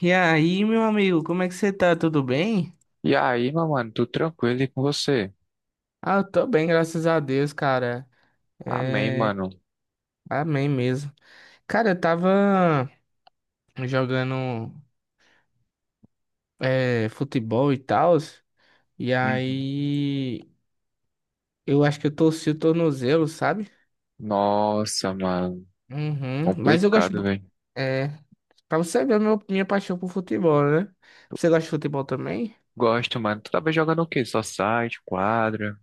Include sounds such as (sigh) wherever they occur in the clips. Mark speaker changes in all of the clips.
Speaker 1: E aí, meu amigo, como é que você tá? Tudo bem?
Speaker 2: E aí, meu mano, tudo tranquilo e com você?
Speaker 1: Ah, eu tô bem, graças a Deus, cara.
Speaker 2: Amém, mano.
Speaker 1: Amém mesmo. Cara, eu tava jogando futebol e tal, e
Speaker 2: Uhum.
Speaker 1: aí eu acho que eu torci o tornozelo, sabe?
Speaker 2: Nossa, mano,
Speaker 1: Uhum. Mas eu gosto.
Speaker 2: complicado, velho.
Speaker 1: É, pra você ver minha paixão por futebol, né? Você gosta de futebol também?
Speaker 2: Gosto, mano. Tu tava jogando o quê? Só site, quadra?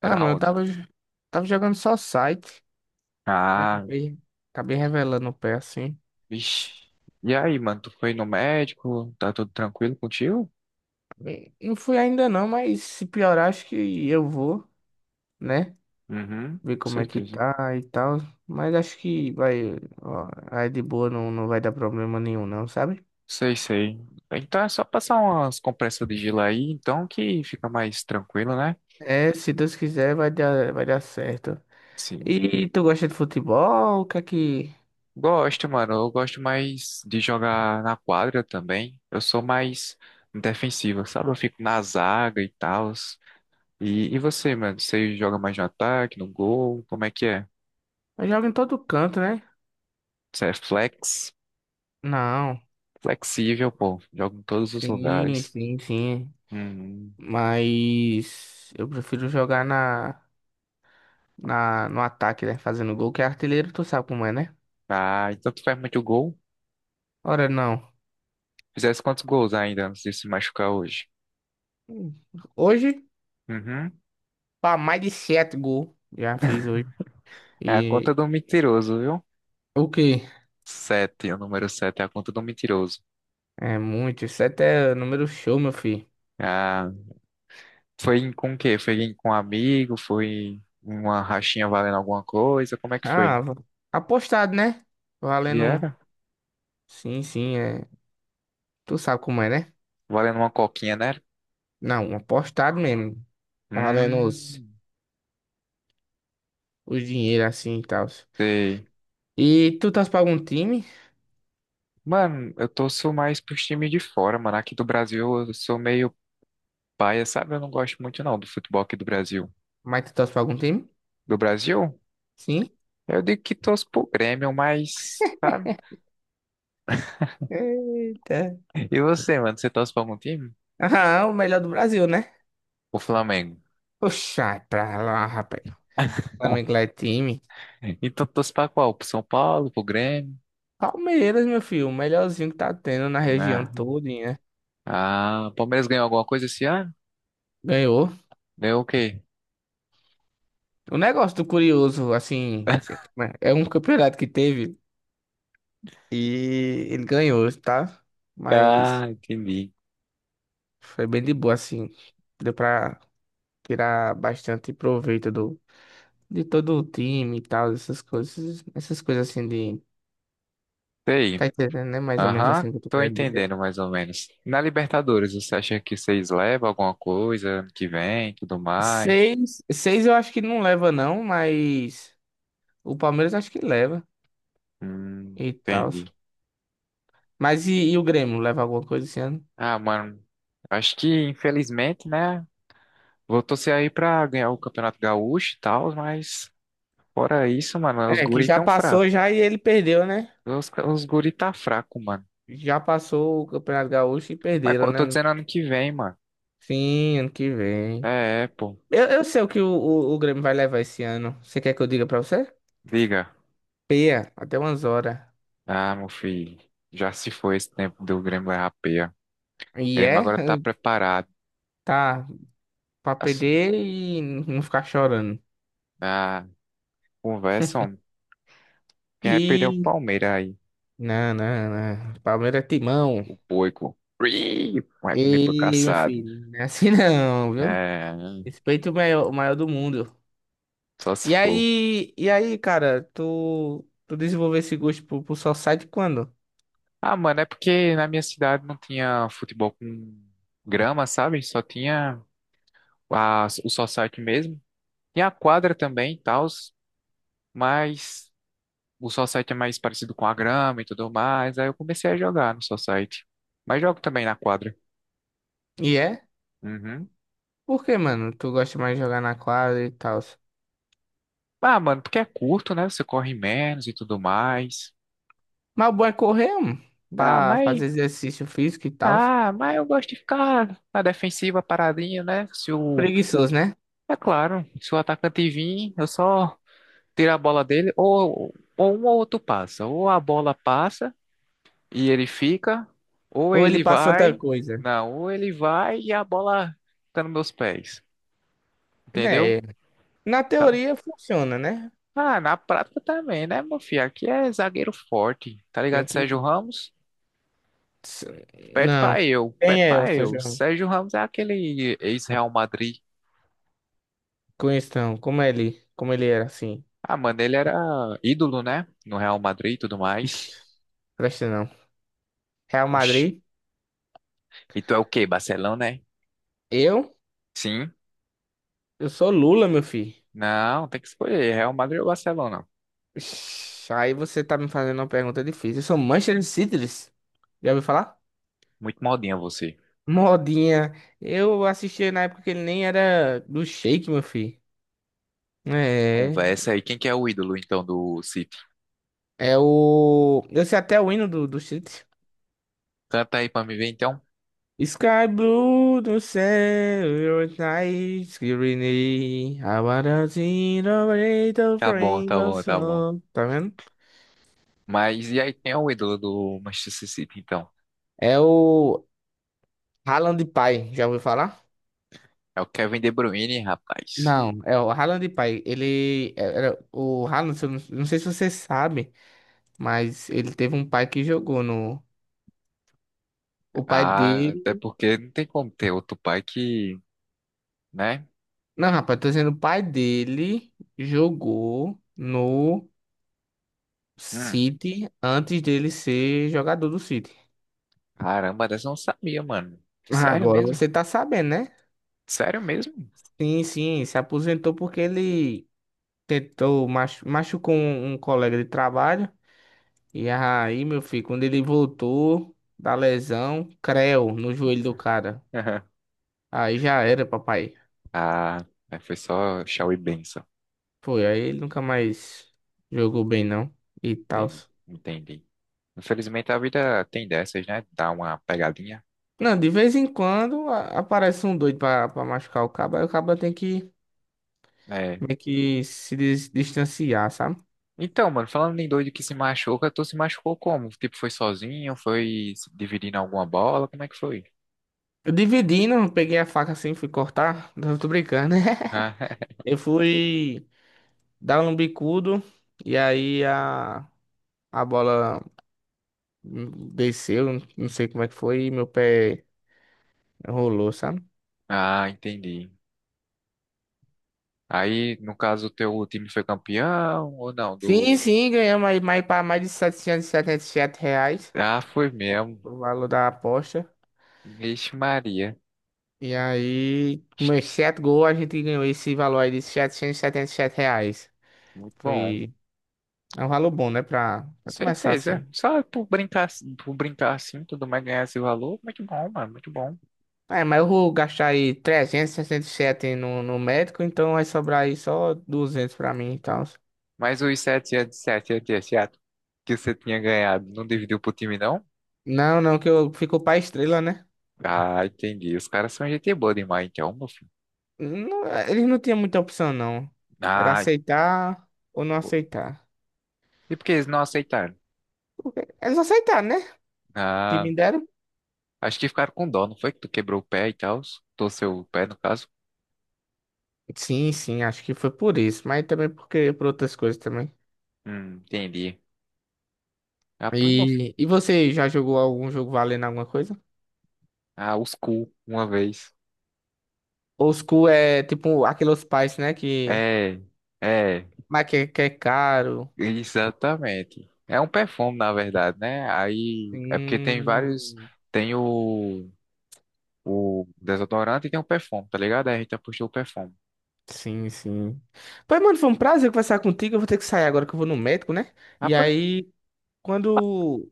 Speaker 1: Ah,
Speaker 2: Era
Speaker 1: mano, eu
Speaker 2: onde?
Speaker 1: tava, tava jogando só site.
Speaker 2: Ah,
Speaker 1: Acabei, acabei revelando o pé assim.
Speaker 2: vixi. E aí, mano, tu foi no médico? Tá tudo tranquilo contigo?
Speaker 1: Bem, não fui ainda não, mas se piorar, acho que eu vou, né?
Speaker 2: Uhum, com
Speaker 1: Ver como é que
Speaker 2: certeza.
Speaker 1: tá e tal. Mas acho que vai, ó, aí de boa não, não vai dar problema nenhum, não, sabe?
Speaker 2: Sei, sei. Então é só passar umas compressas de gelo aí, então que fica mais tranquilo, né?
Speaker 1: É, se Deus quiser, vai dar certo.
Speaker 2: Sim.
Speaker 1: E tu gosta de futebol? O que é que.
Speaker 2: Gosto, mano. Eu gosto mais de jogar na quadra também. Eu sou mais defensivo, sabe? Eu fico na zaga e tal. E você, mano? Você joga mais no ataque, no gol? Como é que é?
Speaker 1: Eu jogo em todo canto, né?
Speaker 2: Você é flex?
Speaker 1: Não,
Speaker 2: Flexível, pô. Joga em todos os
Speaker 1: sim,
Speaker 2: lugares.
Speaker 1: sim, sim.
Speaker 2: Hum.
Speaker 1: Mas eu prefiro jogar no ataque, né? Fazendo gol, que é artilheiro, tu sabe como é, né?
Speaker 2: Ah, então tu faz muito gol?
Speaker 1: Ora, não.
Speaker 2: Fizesse quantos gols ainda antes de se machucar hoje?
Speaker 1: Hoje.
Speaker 2: Uhum.
Speaker 1: Pá, mais de sete gols já fiz hoje.
Speaker 2: É a conta
Speaker 1: E
Speaker 2: do mentiroso, viu?
Speaker 1: o quê.
Speaker 2: Sete, o número sete é a conta do mentiroso.
Speaker 1: É muito. Sete é número show, meu filho.
Speaker 2: Ah, foi em- com o quê? Foi em- com um amigo? Foi uma rachinha valendo alguma coisa? Como é que foi?
Speaker 1: Ah, apostado, né?
Speaker 2: E
Speaker 1: Valendo.
Speaker 2: era?
Speaker 1: Sim, sim, é. Tu sabe como é, né?
Speaker 2: Valendo uma coquinha, né?
Speaker 1: Não, apostado mesmo. Valendo os,
Speaker 2: Hum,
Speaker 1: os dinheiro assim e tal.
Speaker 2: sei.
Speaker 1: E tu torce pra algum time?
Speaker 2: Mano, eu torço mais pros times de fora, mano. Aqui do Brasil eu sou meio paia, sabe? Eu não gosto muito não do futebol aqui do Brasil.
Speaker 1: Mas tu torce pra algum time?
Speaker 2: Do Brasil?
Speaker 1: Sim.
Speaker 2: Eu digo que torço pro Grêmio, mas, sabe?
Speaker 1: Eita. (laughs)
Speaker 2: E você, mano? Você torce pra algum time?
Speaker 1: Ah, o melhor do Brasil, né?
Speaker 2: O Flamengo.
Speaker 1: Poxa, pra lá, rapaz. Flamengo lá
Speaker 2: (laughs)
Speaker 1: é time.
Speaker 2: Então torço pra qual? Pro São Paulo, pro Grêmio?
Speaker 1: Palmeiras, meu filho, o melhorzinho que tá tendo na região
Speaker 2: Ah.
Speaker 1: todinha.
Speaker 2: Ah, o Palmeiras ganhou alguma coisa esse ano?
Speaker 1: Ganhou.
Speaker 2: Ganhou o quê?
Speaker 1: O negócio do curioso, assim,
Speaker 2: (laughs)
Speaker 1: é um campeonato que teve e ele ganhou, tá? Mas
Speaker 2: Ah, entendi.
Speaker 1: foi bem de boa, assim. Deu pra tirar bastante proveito de todo o time e tal, essas coisas assim de.
Speaker 2: Sei.
Speaker 1: Tá entendendo, né? Mais ou menos
Speaker 2: Aham,
Speaker 1: assim que eu tô
Speaker 2: tô
Speaker 1: querendo dizer.
Speaker 2: entendendo mais ou menos. Na Libertadores, você acha que vocês levam alguma coisa ano que vem, tudo mais?
Speaker 1: Seis eu acho que não leva, não, mas o Palmeiras acho que leva e tal.
Speaker 2: Entendi.
Speaker 1: Mas e o Grêmio leva alguma coisa esse ano?
Speaker 2: Ah, mano, acho que infelizmente, né? Vou torcer aí pra ganhar o Campeonato Gaúcho e tal, mas fora isso, mano, os
Speaker 1: É, que
Speaker 2: guri
Speaker 1: já
Speaker 2: tão
Speaker 1: passou
Speaker 2: fracos.
Speaker 1: já e ele perdeu, né?
Speaker 2: Os guri tá fraco, mano.
Speaker 1: Já passou o Campeonato Gaúcho e
Speaker 2: Mas co-
Speaker 1: perderam,
Speaker 2: eu tô
Speaker 1: né?
Speaker 2: dizendo ano que vem, mano.
Speaker 1: Sim, ano que vem.
Speaker 2: É, pô.
Speaker 1: Eu sei o que o Grêmio vai levar esse ano. Você quer que eu diga pra você?
Speaker 2: Diga.
Speaker 1: Peia até umas horas.
Speaker 2: Ah, meu filho, já se foi esse tempo do Grêmio errar peia. O
Speaker 1: E
Speaker 2: Grêmio
Speaker 1: é,
Speaker 2: agora tá preparado.
Speaker 1: (laughs) tá, pra
Speaker 2: Assim,
Speaker 1: perder e não ficar chorando.
Speaker 2: na conversa, homem, quem vai perder é o
Speaker 1: E.
Speaker 2: Palmeiras aí?
Speaker 1: Não, não, não. Palmeiras é timão.
Speaker 2: O Boico. Ih, vai comer pro
Speaker 1: E, meu
Speaker 2: caçado.
Speaker 1: filho, não é assim não, viu?
Speaker 2: É,
Speaker 1: Respeito o maior do mundo.
Speaker 2: só se for.
Speaker 1: E aí, cara, tu desenvolveu esse gosto pro Society quando?
Speaker 2: Ah, mano, é porque na minha cidade não tinha futebol com grama, sabe? Só tinha a, o society mesmo. Tinha a quadra também e tal, mas o Society é mais parecido com a grama e tudo mais. Aí eu comecei a jogar no Society. Mas jogo também na quadra.
Speaker 1: E é?
Speaker 2: Uhum.
Speaker 1: Por que, mano? Tu gosta mais de jogar na quadra e tal.
Speaker 2: Ah, mano, porque é curto, né? Você corre menos e tudo mais.
Speaker 1: Mas o bom é correr, mano,
Speaker 2: Ah,
Speaker 1: pra
Speaker 2: mas.
Speaker 1: fazer exercício físico e tal.
Speaker 2: Ah, mas eu gosto de ficar na defensiva paradinho, né? Se o.
Speaker 1: Preguiçoso, né?
Speaker 2: É claro, se o atacante vir, eu só tiro a bola dele, ou um ou outro passa. Ou a bola passa e ele fica, ou
Speaker 1: Ou ele
Speaker 2: ele
Speaker 1: passa outra
Speaker 2: vai.
Speaker 1: coisa?
Speaker 2: Não, ou ele vai e a bola fica nos meus pés. Entendeu?
Speaker 1: É, na teoria funciona, né?
Speaker 2: Ah, na prática também, né, meu filho? Aqui é zagueiro forte, tá
Speaker 1: Tem
Speaker 2: ligado? Sérgio
Speaker 1: que.
Speaker 2: Ramos, pede
Speaker 1: Não.
Speaker 2: pra eu,
Speaker 1: Quem
Speaker 2: pede
Speaker 1: é o
Speaker 2: pra
Speaker 1: São
Speaker 2: eu.
Speaker 1: João?
Speaker 2: Sérgio Ramos é aquele ex-Real Madrid.
Speaker 1: Conheço não. Como é ele? Como ele era assim?
Speaker 2: Ah, mano, ele era ídolo, né? No Real Madrid e tudo mais.
Speaker 1: Ixi, presta não. Real
Speaker 2: Oxi.
Speaker 1: Madrid?
Speaker 2: E tu é o quê? Barcelona, né?
Speaker 1: Eu?
Speaker 2: Sim.
Speaker 1: Eu sou Lula, meu filho.
Speaker 2: Não, tem que escolher. Real Madrid ou Barcelona?
Speaker 1: Ixi, aí você tá me fazendo uma pergunta difícil. Eu sou Manchester City, já ouviu falar?
Speaker 2: Muito modinha você.
Speaker 1: Modinha. Eu assisti na época que ele nem era do Shake, meu filho. É.
Speaker 2: Conversa aí. Quem que é o ídolo, então, do City?
Speaker 1: É o. Eu sei até o hino do City.
Speaker 2: Canta aí pra me ver, então.
Speaker 1: Sky Blue do céu, your night, green, I wanna see the little
Speaker 2: Tá bom, tá
Speaker 1: rainbow
Speaker 2: bom, tá bom.
Speaker 1: song. Tá vendo?
Speaker 2: Mas e aí, quem é o ídolo do Manchester City, então?
Speaker 1: É o Haaland Pai. Já ouviu falar?
Speaker 2: É o Kevin De Bruyne, rapaz.
Speaker 1: Não, é o Haaland, pai. Ele é, era o Haaland, se eu não sei se você sabe, mas ele teve um pai que jogou no. O pai
Speaker 2: Ah, até
Speaker 1: dele.
Speaker 2: porque não tem como ter outro pai que, né?
Speaker 1: Não, rapaz, tô dizendo, o pai dele jogou no
Speaker 2: Hum,
Speaker 1: City antes dele ser jogador do City.
Speaker 2: caramba, dessa eu não sabia, mano. Sério
Speaker 1: Agora
Speaker 2: mesmo?
Speaker 1: você tá sabendo, né?
Speaker 2: Sério mesmo?
Speaker 1: Sim, sim, se aposentou porque ele tentou, machucou um colega de trabalho. E aí, meu filho, quando ele voltou da lesão, creu no joelho do cara.
Speaker 2: (laughs)
Speaker 1: Aí já era, papai.
Speaker 2: Ah, é, foi só Shaw e Benção.
Speaker 1: Foi, aí ele nunca mais jogou bem, não. E tal.
Speaker 2: Entendi. Entendi. Infelizmente a vida tem dessas, né? Dá uma pegadinha.
Speaker 1: Não, de vez em quando aparece um doido pra, pra machucar o cabo. Aí o cabo tem que
Speaker 2: É.
Speaker 1: meio que se distanciar, sabe?
Speaker 2: Então, mano, falando em doido que se machuca, tu se machucou como? Tipo, foi sozinho? Foi se dividindo alguma bola? Como é que foi?
Speaker 1: Eu dividindo, peguei a faca assim, fui cortar. (laughs) Não tô brincando, né?
Speaker 2: Ah,
Speaker 1: (laughs) Eu fui dar um bicudo e aí a bola desceu, não sei como é que foi, e meu pé rolou, sabe?
Speaker 2: (laughs) ah, entendi. Aí, no caso, o teu time foi campeão ou não?
Speaker 1: Sim,
Speaker 2: Do...
Speaker 1: sim, ganhamos aí mais, pra mais de setecentos e setenta e sete reais,
Speaker 2: Ah, foi mesmo.
Speaker 1: o valor da aposta.
Speaker 2: Vixe Maria.
Speaker 1: E aí, com meus 7 gols, a gente ganhou esse valor aí de R$ 777.
Speaker 2: Muito bom.
Speaker 1: Foi... É um valor bom, né? Pra,
Speaker 2: Com
Speaker 1: pra começar
Speaker 2: certeza.
Speaker 1: assim.
Speaker 2: É. Só por brincar assim, tudo mais ganhar esse valor. Muito bom, mano. Muito bom.
Speaker 1: É, mas eu vou gastar aí 367 no médico, então vai sobrar aí só 200 pra mim e tal.
Speaker 2: Mas os 7 de 7 de 7 que você tinha ganhado, não dividiu pro time, não?
Speaker 1: Não, não, que eu ficou pra estrela, né?
Speaker 2: Ah, entendi. Os caras são gente boa demais, então, meu filho.
Speaker 1: Não, eles não tinham muita opção, não. Era
Speaker 2: Ah,
Speaker 1: aceitar ou não
Speaker 2: pô.
Speaker 1: aceitar.
Speaker 2: E por que eles não aceitaram?
Speaker 1: Porque eles aceitaram, né? Que
Speaker 2: Ah,
Speaker 1: me deram.
Speaker 2: acho que ficaram com dó, não foi? Que tu quebrou o pé e tal. Torceu o pé, no caso.
Speaker 1: Sim, sim, acho que foi por isso, mas também porque por outras coisas também.
Speaker 2: Entendi. Ah, pois não.
Speaker 1: E você já jogou algum jogo valendo alguma coisa?
Speaker 2: Ah, os cu, uma vez.
Speaker 1: Old School é tipo aqueles pais, né? Que,
Speaker 2: É, é,
Speaker 1: mas que é caro.
Speaker 2: exatamente. É um perfume, na verdade, né? Aí é porque tem vários.
Speaker 1: Hum,
Speaker 2: Tem o desodorante e tem o perfume, tá ligado? Aí a gente apostou o perfume.
Speaker 1: sim, sim. Pois, mano, foi um prazer conversar contigo. Eu vou ter que sair agora que eu vou no médico, né?
Speaker 2: Ah,
Speaker 1: E
Speaker 2: pois,
Speaker 1: aí, quando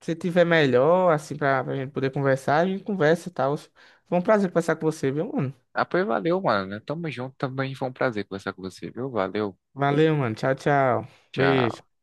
Speaker 1: você tiver melhor, assim, pra gente poder conversar, a gente conversa e tal. Foi um prazer conversar com você, viu, mano?
Speaker 2: ah, pois valeu, mano. Tamo junto também. Foi um prazer conversar com você, viu? Valeu.
Speaker 1: Valeu, mano. Tchau, tchau.
Speaker 2: Tchau.
Speaker 1: Beijo.